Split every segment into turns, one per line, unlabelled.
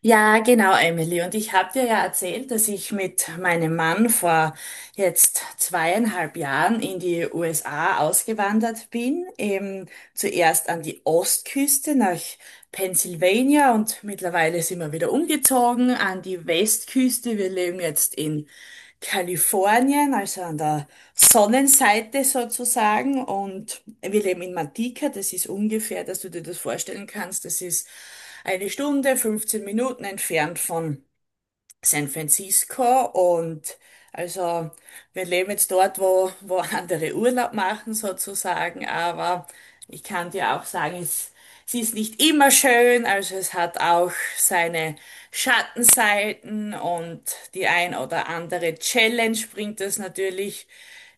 Ja, genau, Emily. Und ich habe dir ja erzählt, dass ich mit meinem Mann vor jetzt 2,5 Jahren in die USA ausgewandert bin. Eben zuerst an die Ostküste nach Pennsylvania und mittlerweile sind wir wieder umgezogen an die Westküste. Wir leben jetzt in Kalifornien, also an der Sonnenseite sozusagen. Und wir leben in Matica. Das ist ungefähr, dass du dir das vorstellen kannst. Das ist eine Stunde, 15 Minuten entfernt von San Francisco, und also wir leben jetzt dort, wo andere Urlaub machen sozusagen. Aber ich kann dir auch sagen, es ist nicht immer schön, also es hat auch seine Schattenseiten, und die ein oder andere Challenge bringt es natürlich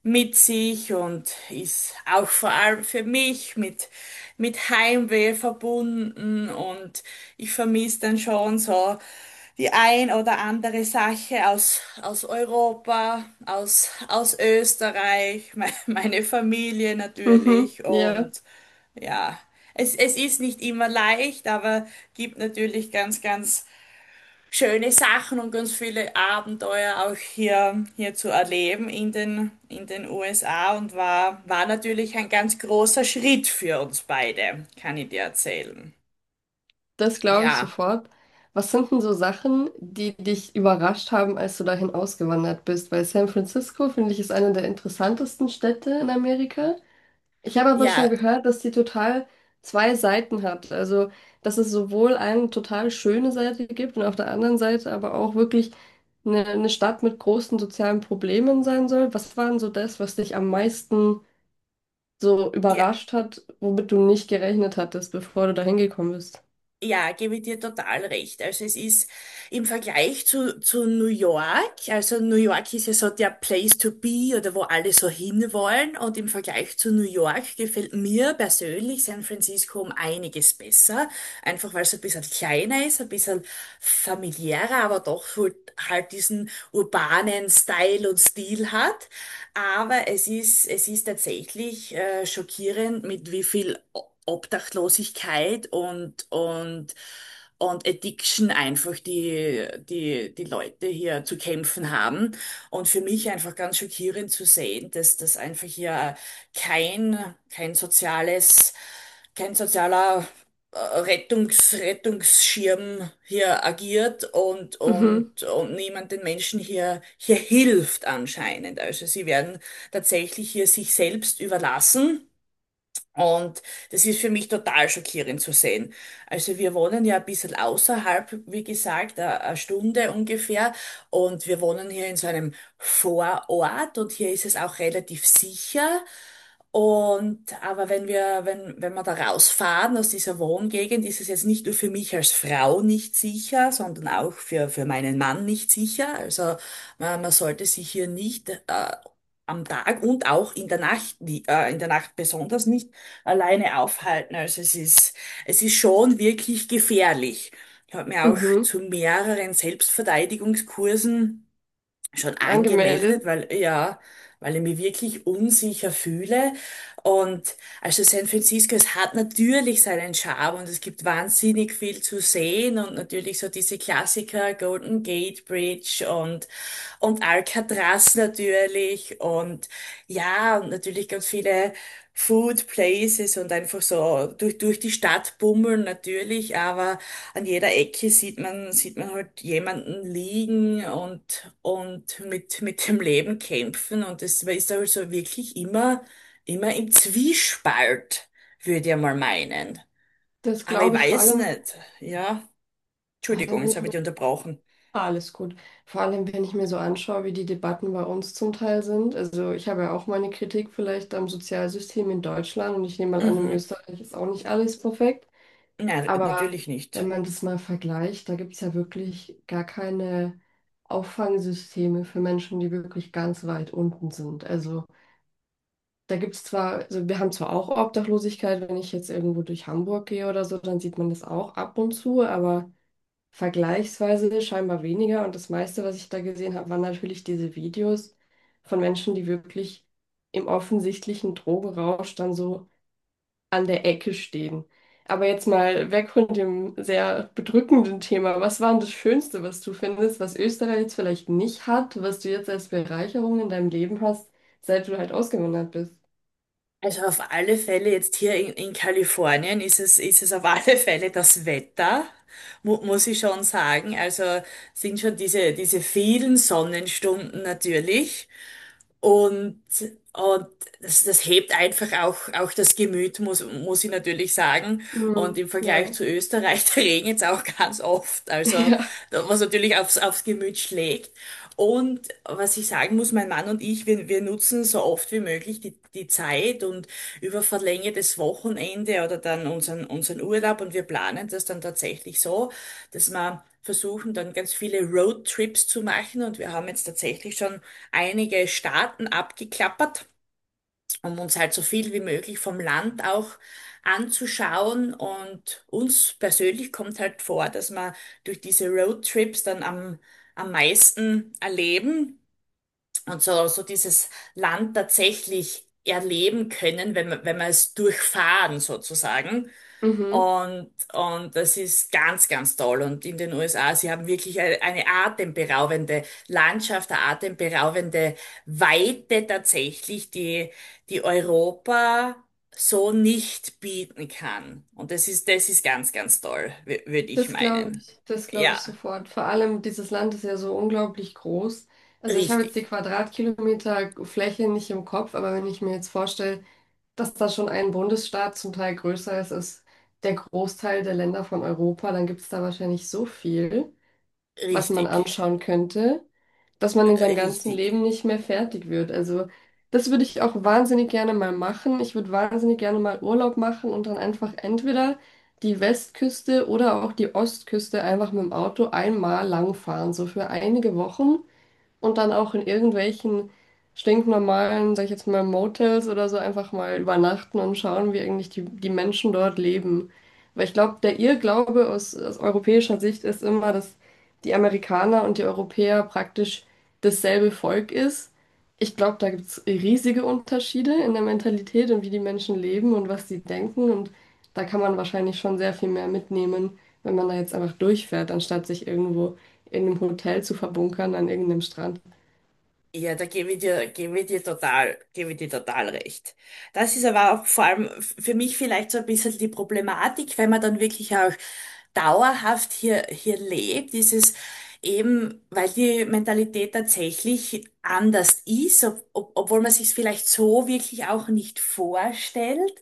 mit sich, und ist auch vor allem für mich mit Heimweh verbunden, und ich vermisse dann schon so die ein oder andere Sache aus aus, Europa, aus Österreich, meine Familie
Mhm,
natürlich.
ja,
Und ja, es ist nicht immer leicht, aber gibt natürlich ganz, ganz schöne Sachen und ganz viele Abenteuer auch hier zu erleben in den USA, und war natürlich ein ganz großer Schritt für uns beide, kann ich dir erzählen.
das glaube ich
Ja,
sofort. Was sind denn so Sachen, die dich überrascht haben, als du dahin ausgewandert bist? Weil San Francisco, finde ich, ist eine der interessantesten Städte in Amerika. Ich habe aber schon
ja.
gehört, dass die total zwei Seiten hat. Also, dass es sowohl eine total schöne Seite gibt und auf der anderen Seite aber auch wirklich eine Stadt mit großen sozialen Problemen sein soll. Was war denn so das, was dich am meisten so
Ja,
überrascht hat, womit du nicht gerechnet hattest, bevor du dahin gekommen bist?
ja, gebe ich dir total recht. Also es ist im Vergleich zu New York. Also New York ist ja so der Place to be, oder wo alle so hinwollen, und im Vergleich zu New York gefällt mir persönlich San Francisco um einiges besser, einfach weil es ein bisschen kleiner ist, ein bisschen familiärer, aber doch so halt diesen urbanen Style und Stil hat. Aber es ist tatsächlich schockierend, mit wie viel Obdachlosigkeit und Addiction einfach, die Leute hier zu kämpfen haben. Und für mich einfach ganz schockierend zu sehen, dass das einfach hier kein sozialer Rettungsschirm hier agiert,
Mhm,
und niemand den Menschen hier hilft, anscheinend. Also sie werden tatsächlich hier sich selbst überlassen, und das ist für mich total schockierend zu sehen. Also wir wohnen ja ein bisschen außerhalb, wie gesagt, eine Stunde ungefähr. Und wir wohnen hier in so einem Vorort, und hier ist es auch relativ sicher. Und aber wenn wir da rausfahren aus dieser Wohngegend, ist es jetzt nicht nur für mich als Frau nicht sicher, sondern auch für meinen Mann nicht sicher. Also man sollte sich hier nicht am Tag und auch in der Nacht, in der Nacht besonders nicht alleine aufhalten. Also es ist, schon wirklich gefährlich. Ich habe mir auch
mhm,
zu mehreren Selbstverteidigungskursen schon
angemeldet.
angemeldet, weil ich mich wirklich unsicher fühle. Und also San Francisco, es hat natürlich seinen Charme, und es gibt wahnsinnig viel zu sehen, und natürlich so diese Klassiker: Golden Gate Bridge, und Alcatraz natürlich, und ja, und natürlich ganz viele Food Places, und einfach so durch die Stadt bummeln natürlich. Aber an jeder Ecke sieht man halt jemanden liegen, und mit dem Leben kämpfen, und das, man ist halt so wirklich immer im Zwiespalt, würde ich mal meinen.
Das
Aber ich
glaube ich
weiß nicht, ja.
vor
Entschuldigung,
allem wenn
jetzt
ich
habe ich
mir,
dich unterbrochen.
alles gut. Vor allem, wenn ich mir so anschaue, wie die Debatten bei uns zum Teil sind. Also ich habe ja auch meine Kritik vielleicht am Sozialsystem in Deutschland und ich nehme mal an, in
Mhm.
Österreich ist auch nicht alles perfekt.
Nein,
Aber
natürlich
wenn
nicht.
man das mal vergleicht, da gibt es ja wirklich gar keine Auffangsysteme für Menschen, die wirklich ganz weit unten sind. Also da gibt es zwar, also wir haben zwar auch Obdachlosigkeit, wenn ich jetzt irgendwo durch Hamburg gehe oder so, dann sieht man das auch ab und zu, aber vergleichsweise scheinbar weniger. Und das meiste, was ich da gesehen habe, waren natürlich diese Videos von Menschen, die wirklich im offensichtlichen Drogenrausch dann so an der Ecke stehen. Aber jetzt mal weg von dem sehr bedrückenden Thema. Was war denn das Schönste, was du findest, was Österreich jetzt vielleicht nicht hat, was du jetzt als Bereicherung in deinem Leben hast, seit du halt ausgewandert bist?
Also auf alle Fälle jetzt hier in Kalifornien, ist es auf alle Fälle das Wetter, mu muss ich schon sagen. Also sind schon diese vielen Sonnenstunden natürlich. Und, und das hebt einfach auch das Gemüt, muss ich natürlich sagen. Und
Mhm.
im Vergleich
Ja,
zu Österreich, da regnet's auch ganz oft. Also,
ja,
was natürlich aufs Gemüt schlägt. Und was ich sagen muss, mein Mann und ich, wir nutzen so oft wie möglich die Zeit und über verlängertes Wochenende oder dann unseren Urlaub, und wir planen das dann tatsächlich so, dass man versuchen dann ganz viele Roadtrips zu machen, und wir haben jetzt tatsächlich schon einige Staaten abgeklappert, um uns halt so viel wie möglich vom Land auch anzuschauen. Und uns persönlich kommt halt vor, dass wir durch diese Roadtrips dann am meisten erleben, und so dieses Land tatsächlich erleben können, wenn wir, es durchfahren sozusagen.
mhm.
Und das ist ganz, ganz toll. Und in den USA, sie haben wirklich eine atemberaubende Landschaft, eine atemberaubende Weite tatsächlich, die Europa so nicht bieten kann. Und das ist ganz, ganz toll, würde ich meinen.
Das glaube ich
Ja,
sofort. Vor allem dieses Land ist ja so unglaublich groß. Also ich habe jetzt
richtig,
die Quadratkilometer Fläche nicht im Kopf, aber wenn ich mir jetzt vorstelle, dass da schon ein Bundesstaat zum Teil größer ist als der Großteil der Länder von Europa, dann gibt es da wahrscheinlich so viel, was man
richtig,
anschauen könnte, dass man in seinem ganzen
richtig.
Leben nicht mehr fertig wird. Also das würde ich auch wahnsinnig gerne mal machen. Ich würde wahnsinnig gerne mal Urlaub machen und dann einfach entweder die Westküste oder auch die Ostküste einfach mit dem Auto einmal lang fahren, so für einige Wochen und dann auch in irgendwelchen stinknormalen, sag ich jetzt mal, Motels oder so einfach mal übernachten und schauen, wie eigentlich die Menschen dort leben. Weil ich glaube, der Irrglaube aus europäischer Sicht ist immer, dass die Amerikaner und die Europäer praktisch dasselbe Volk ist. Ich glaube, da gibt es riesige Unterschiede in der Mentalität und wie die Menschen leben und was sie denken. Und da kann man wahrscheinlich schon sehr viel mehr mitnehmen, wenn man da jetzt einfach durchfährt, anstatt sich irgendwo in einem Hotel zu verbunkern an irgendeinem Strand.
Ja, da gebe ich dir total recht. Das ist aber auch vor allem für mich vielleicht so ein bisschen die Problematik, wenn man dann wirklich auch dauerhaft hier lebt, ist es eben, weil die Mentalität tatsächlich anders ist, obwohl man sich es vielleicht so wirklich auch nicht vorstellt.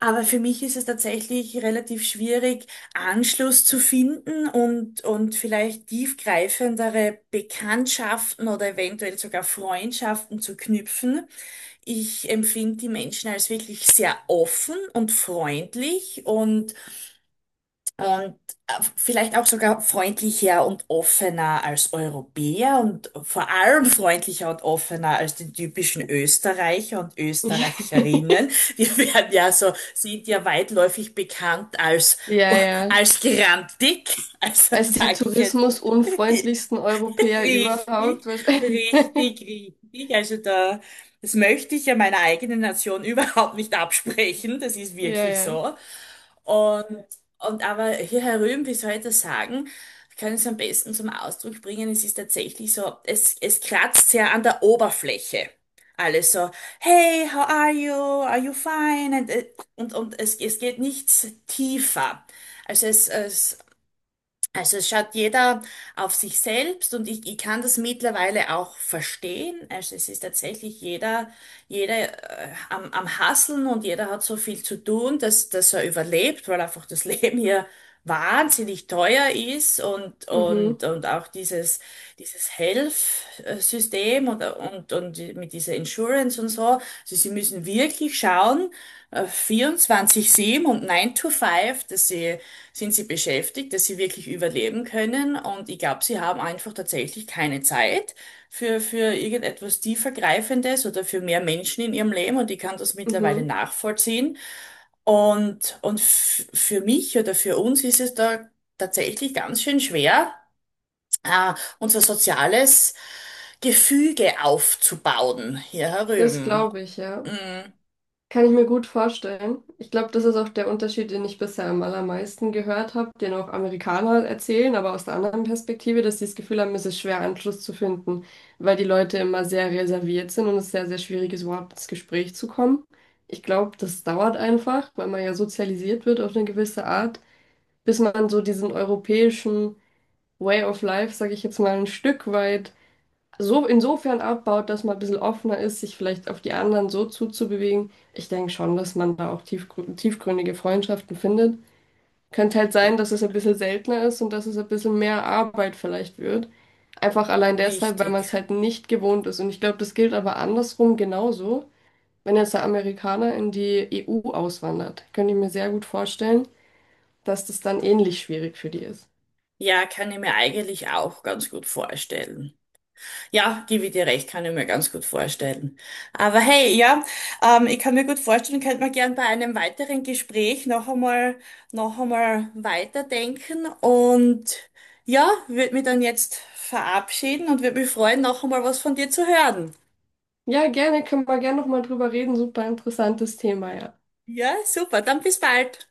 Aber für mich ist es tatsächlich relativ schwierig, Anschluss zu finden, und vielleicht tiefgreifendere Bekanntschaften oder eventuell sogar Freundschaften zu knüpfen. Ich empfinde die Menschen als wirklich sehr offen und freundlich, und und vielleicht auch sogar freundlicher und offener als Europäer, und vor allem freundlicher und offener als die typischen Österreicher und Österreicherinnen. Wir werden ja so, sind ja weitläufig bekannt als,
Ja, ja.
als grantig. Also
Als die
sage ich jetzt.
tourismusunfreundlichsten Europäer überhaupt
Richtig,
wahrscheinlich.
richtig, richtig. Also das möchte ich ja meiner eigenen Nation überhaupt nicht absprechen. Das ist
Ja,
wirklich
ja.
so. Und, und aber hier herüben, wie soll ich das sagen, ich kann es am besten zum Ausdruck bringen. Es ist tatsächlich so, es kratzt sehr an der Oberfläche. Alles so, hey, how are you? Are you fine? Und es geht nichts tiefer. Also es, es also es schaut jeder auf sich selbst, und ich kann das mittlerweile auch verstehen. Also es ist tatsächlich jeder am Hasseln, und jeder hat so viel zu tun, dass er überlebt, weil einfach das Leben hier wahnsinnig teuer ist,
Mhm,
und auch dieses, dieses Health-System, und mit dieser Insurance und so. Also sie müssen wirklich schauen, 24/7 und 9 to 5, sind sie beschäftigt, dass sie wirklich überleben können. Und ich glaube, sie haben einfach tatsächlich keine Zeit für irgendetwas tiefergreifendes oder für mehr Menschen in ihrem Leben. Und ich kann das mittlerweile
mhm.
nachvollziehen. Und für mich oder für uns ist es da tatsächlich ganz schön schwer, äh, unser soziales Gefüge aufzubauen hier
Das
herüben.
glaube ich, ja.
Mhm,
Kann ich mir gut vorstellen. Ich glaube, das ist auch der Unterschied, den ich bisher am allermeisten gehört habe, den auch Amerikaner erzählen, aber aus der anderen Perspektive, dass sie das Gefühl haben, es ist schwer, Anschluss zu finden, weil die Leute immer sehr reserviert sind und es sehr, sehr schwierig ist, überhaupt ins Gespräch zu kommen. Ich glaube, das dauert einfach, weil man ja sozialisiert wird auf eine gewisse Art, bis man so diesen europäischen Way of Life, sage ich jetzt mal, ein Stück weit so insofern abbaut, dass man ein bisschen offener ist, sich vielleicht auf die anderen so zuzubewegen. Ich denke schon, dass man da auch tiefgründige Freundschaften findet. Könnte halt sein, dass es ein bisschen seltener ist und dass es ein bisschen mehr Arbeit vielleicht wird. Einfach allein deshalb, weil man
richtig.
es halt nicht gewohnt ist. Und ich glaube, das gilt aber andersrum genauso. Wenn jetzt der Amerikaner in die EU auswandert, könnte ich mir sehr gut vorstellen, dass das dann ähnlich schwierig für die ist.
Ja, kann ich mir eigentlich auch ganz gut vorstellen. Ja, gebe ich dir recht, kann ich mir ganz gut vorstellen. Aber hey, ja, ich kann mir gut vorstellen, könnte man gern bei einem weiteren Gespräch noch einmal weiterdenken, und ja, würde mich dann jetzt verabschieden und würde mich freuen, noch einmal was von dir zu hören.
Ja, gerne, können wir gerne nochmal drüber reden. Super interessantes Thema, ja.
Ja, super, dann bis bald.